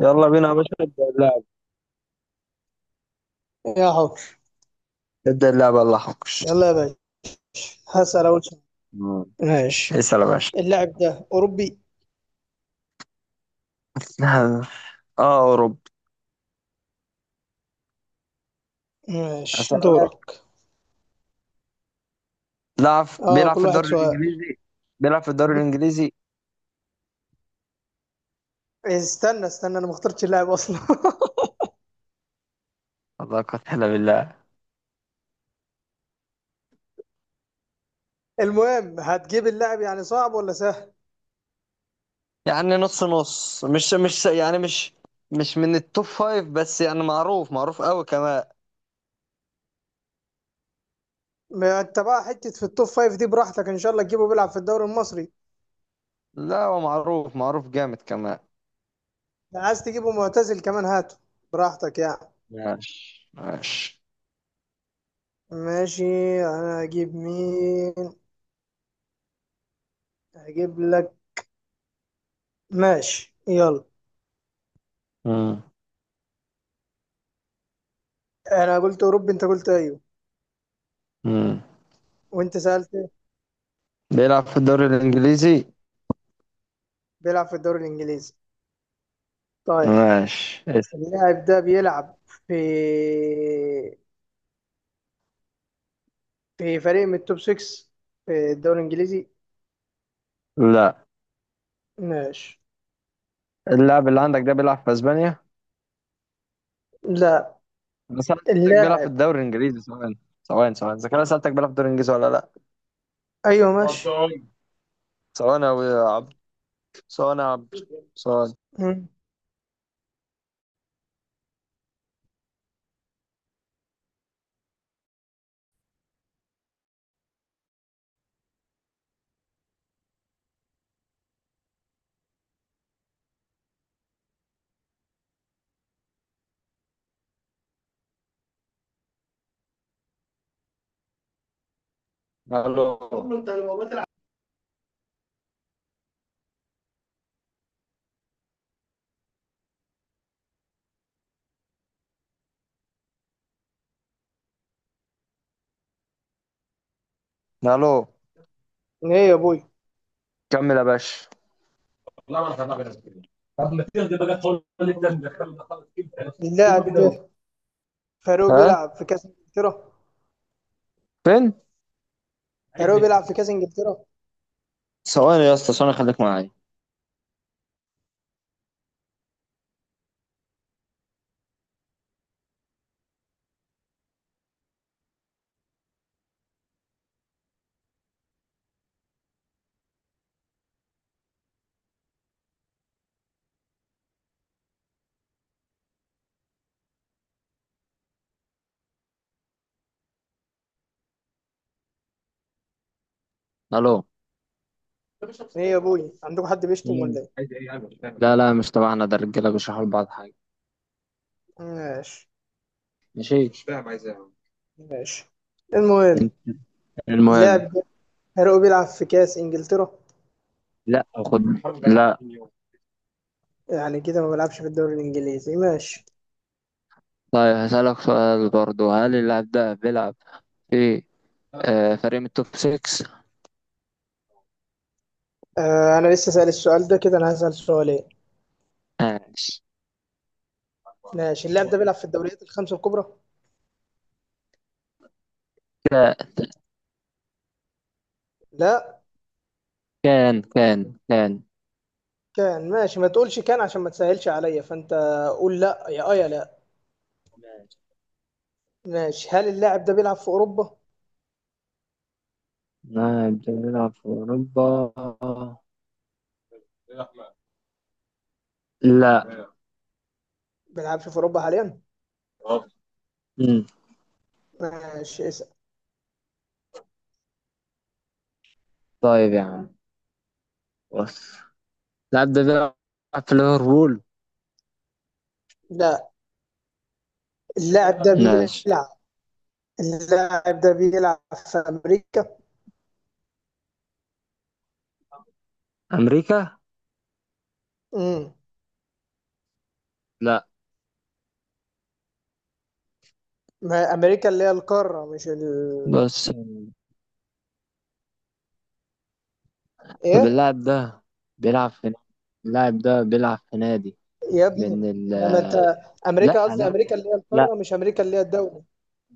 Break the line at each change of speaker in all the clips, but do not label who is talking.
يلا بينا يا باشا نبدأ اللعب.
يا حر.
نبدأ اللعبة الله حافظ.
يلا يا باشا، هسأل أول سؤال.
مم.
ماشي.
اسأل يا باشا.
اللاعب ده أوروبي؟
اه اوروبي.
ماشي،
اسألك
دورك.
لعب
اه،
بيلعب في
كل واحد
الدوري
سؤال.
الانجليزي. بيلع في الدوري الانجليزي.
استنى استنى، انا ما اخترتش اللاعب اصلا.
الله قتل بالله.
المهم، هتجيب اللاعب يعني صعب ولا سهل؟
يعني نص نص، مش مش من التوب فايف، بس يعني معروف معروف قوي كمان.
ما انت بقى حته في التوب فايف، دي براحتك ان شاء الله تجيبه بيلعب في الدوري المصري.
لا هو معروف معروف جامد كمان.
لو عايز تجيبه معتزل كمان هاته، براحتك يعني.
ماشي ماشي.
ماشي. انا هجيب مين؟ هجيب لك. ماشي يلا.
مم.
انا قلت اوروبي، انت قلت ايوه،
مم.
وانت سالت
بيلعب في الدوري الانجليزي.
بيلعب في الدوري الانجليزي. طيب،
ماشي اسأل.
اللاعب ده بيلعب في في فريق من التوب 6 في الدوري الانجليزي؟
لا،
ماشي.
اللاعب اللي عندك ده بيلعب في اسبانيا؟
لا.
انا سالتك بيلعب في
اللاعب.
الدوري الانجليزي سواء، سواء، سواء اذا كان أنا سالتك بيلعب في الدوري الانجليزي ولا لا.
ايوه، ماشي.
اتفضل. سواء يا عبد، سواء يا عبد، سواء.
مم.
الو، الو.
ايه يا ابوي؟
كمل يا باشا.
اللاعب ده فاروق
ها
بيلعب في كاس انجلترا؟
فين؟
فاروق بيلعب في كاس انجلترا.
سواء يا اسطى سواء، خليك معايا. الو.
ايه يا ابوي؟ عندكم حد بيشتم ولا ايه؟
لا لا مش تبعنا، ده الرجاله بيشرحوا لبعض حاجه.
ماشي،
ماشي.
ماشي. المهم،
عم؟ المهم.
اللاعب ده فاروق بيلعب في كاس انجلترا.
لا خد. لا.
يعني كده ما بيلعبش في الدوري الانجليزي. ماشي.
طيب هسألك سؤال برضو، هل اللاعب ده بيلعب في فريق من التوب 6؟
آه، انا لسه سأل السؤال ده كده، انا هسأل سؤالين.
ماشي.
ماشي، اللاعب ده بيلعب في الدوريات الخمسة الكبرى؟
كده
لا.
كان كان كان.
كان. ماشي، ما تقولش كان عشان ما تسهلش عليا، فانت قول لا يا لا. ماشي. هل اللاعب ده بيلعب في اوروبا؟
نعم بنلعب في أوروبا. لا
بيلعبش في اوروبا حاليا.
مم.
ماشي، اسأل.
طيب يا عم، بص، اللاعب ده بيلعب في ليفربول.
لا. اللاعب ده
ماشي.
بيلعب اللاعب ده بيلعب في امريكا؟
أمريكا؟
امم
لا.
ما امريكا اللي هي القارة، مش
بص. طب
ايه
اللاعب ده بيلعب في، اللاعب ده بيلعب في نادي
يا ابني؟
بين ال،
لما انت
لا
قصدي
لا
امريكا اللي هي
لا.
القارة، مش امريكا اللي هي الدولة.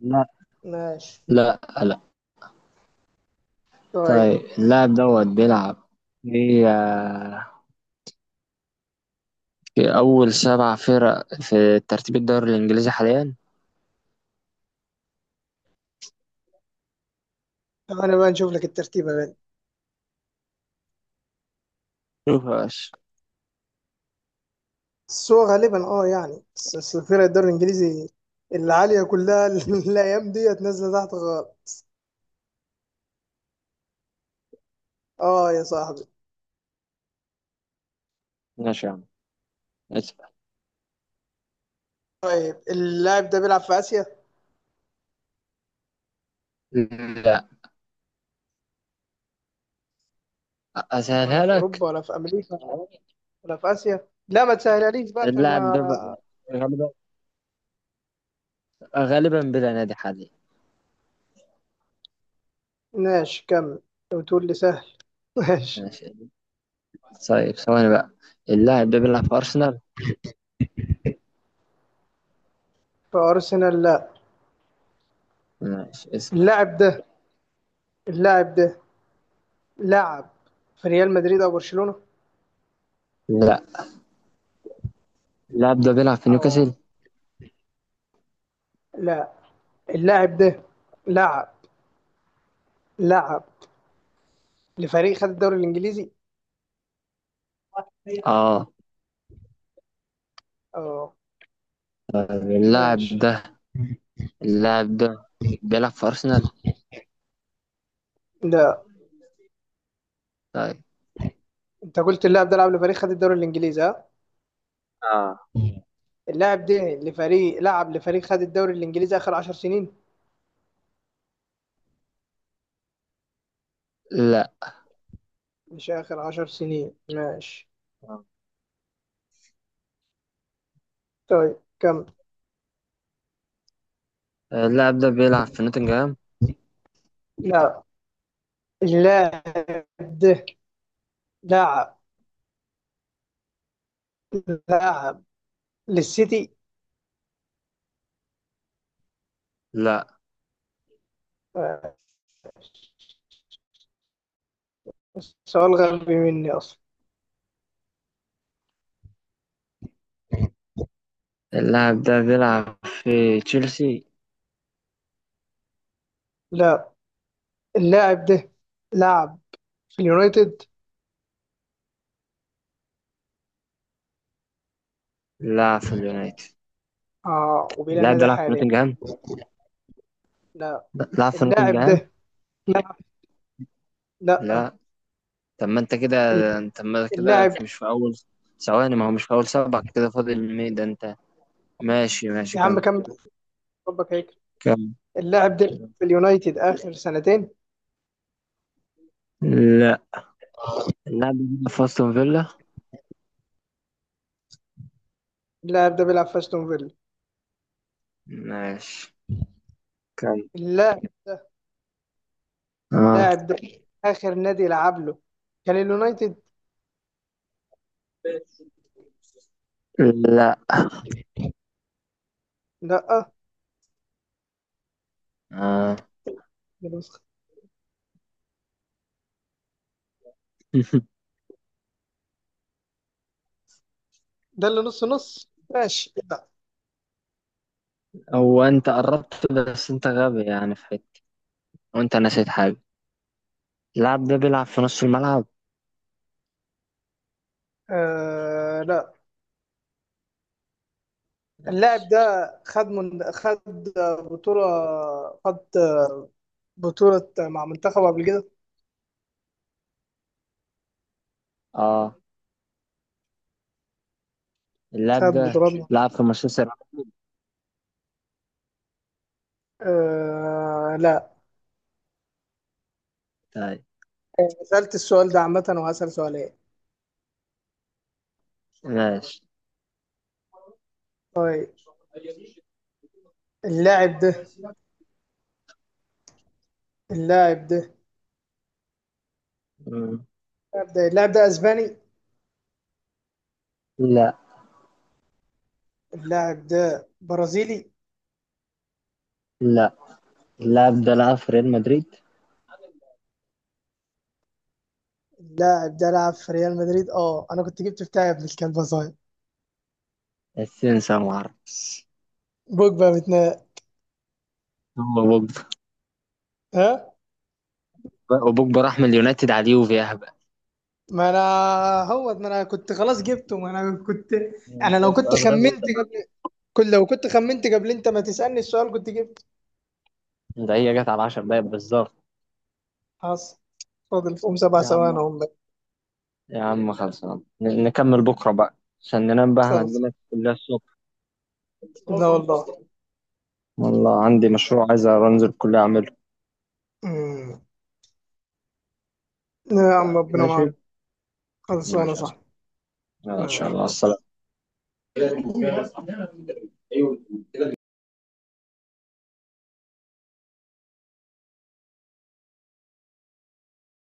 لا
ماشي.
لا لا.
طيب
طيب اللاعب دوت بيلعب في، في أول سبع فرق في ترتيب الدوري الإنجليزي حاليا.
طب انا بقى نشوف لك الترتيب يا بنت.
مفيهاش.
بس هو غالبا، يعني بس بس الفرق الدوري الانجليزي العاليه كلها، الايام ديت نازله تحت خالص. اه يا صاحبي.
ماشي يا عم، اسمع.
طيب، اللاعب ده بيلعب في اسيا؟
لا.
ولا
اسهلها
في
لك.
اوروبا؟ ولا في امريكا؟ ولا في اسيا؟ لا، ما تسهلهاليش بقى عشان
اللاعب
ما.
ده بقى غالبا، غالبا بلا نادي حاليا.
ماشي، كمل. لو تقول لي سهل. ماشي.
ماشي. طيب ثواني بقى، اللاعب ده بيلعب في ارسنال.
في ارسنال؟ لا.
ماشي اسمع.
اللاعب ده اللاعب ده لعب في ريال مدريد او برشلونه؟
لا. اللاعب ده بيلعب في
او.
نيوكاسل.
لا. اللاعب ده لعب لعب لفريق خد الدوري الانجليزي.
اه.
اه،
طيب اللاعب
ماشي.
ده، اللاعب ده بيلعب في ارسنال.
ده،
طيب.
انت قلت اللاعب ده لعب لفريق خد الدوري الانجليزي، ها؟
اه.
اللاعب ده لعب لفريق خد الدوري الانجليزي اخر عشر سنين؟
لا.
مش اخر عشر سنين؟ ماشي. طيب، كم.
اللاعب ده بيلعب في نوتنغهام.
لا. اللاعب ده لعب لعب للسيتي؟
لا.
آه، سؤال غبي مني اصلا.
اللاعب ده بيلعب في تشيلسي.
لا. اللاعب ده لعب في اليونايتد؟
لا في اليونايتد.
اه، وبلا
اللاعب ده
نادي
لعب في
حاليا؟
نوتنغهام.
لا.
لا، لعب في
اللاعب
نوتنغهام.
ده. لا، لا.
لا. طب ما انت كده، انت ما كده
اللاعب
مش في اول، ثواني، ما هو مش في اول سبعة كده فاضل مي ده انت. ماشي ماشي.
يا عم،
كم؟
كمل. ربك هيك.
كم؟
اللاعب ده في اليونايتد اخر سنتين؟
لا. اللاعب ده بيلعب في استون فيلا.
اللاعب ده بيلعب في استون فيلا؟
ماشي. كم؟
اللاعب ده
اه.
اللاعب ده، اخر نادي لعب له كان اليونايتد؟
لا.
لا.
اه.
ده ده اللي نص نص. ماشي. لا.
هو انت قربت بس انت غبي يعني في حته، وانت نسيت حاجه. اللاعب ده بيلعب في نص الملعب.
آه، لا. اللاعب
ماشي.
ده خد بطولة، خد بطولة مع منتخبه قبل كده؟
اه. اللاعب
خد
ده
بطولات
لعب في مانشستر يونايتد.
آه، لا.
طيب.
سألت السؤال ده عامة، وهسأل سؤالين.
ماشي.
طيب، اللاعب ده اللاعب ده
مم.
اللاعب ده اسباني؟
لا.
اللاعب ده برازيلي؟
لا، اللاعب ده لعب في ريال مدريد.
اللاعب ده لعب في ريال مدريد. اه، انا كنت جبت بتاعي، ابن الكلب صاير.
السنسر ما اعرفش.
بوجبا متناق.
هو بوجبا؟
ها؟
وبوجبا راح من اليونايتد على اليوفي اهبل.
ما انا هو، ما انا كنت خلاص جبته، ما انا كنت
انت
انا لو كنت
سؤال غبي انت
خمنت قبل.
معاك.
لو كنت خمنت قبل انت ما تسألني السؤال كنت جبت.
ده هي جت على 10 دقايق بالظبط.
حصل. فاضل فيهم سبع
يا عم،
ثواني هم بقى.
يا عم خلصنا، نكمل بكره بقى، عشان ننام بقى،
خلص.
هنعمل الكليه الصبح.
لا والله.
والله عندي مشروع عايز انزل الكليه اعمله.
امم. يا عم، ربنا
ماشي.
معاك. خلصانه
ماشي يا أسطى.
صح؟
يلا، ان شاء الله، السلام.
ماشي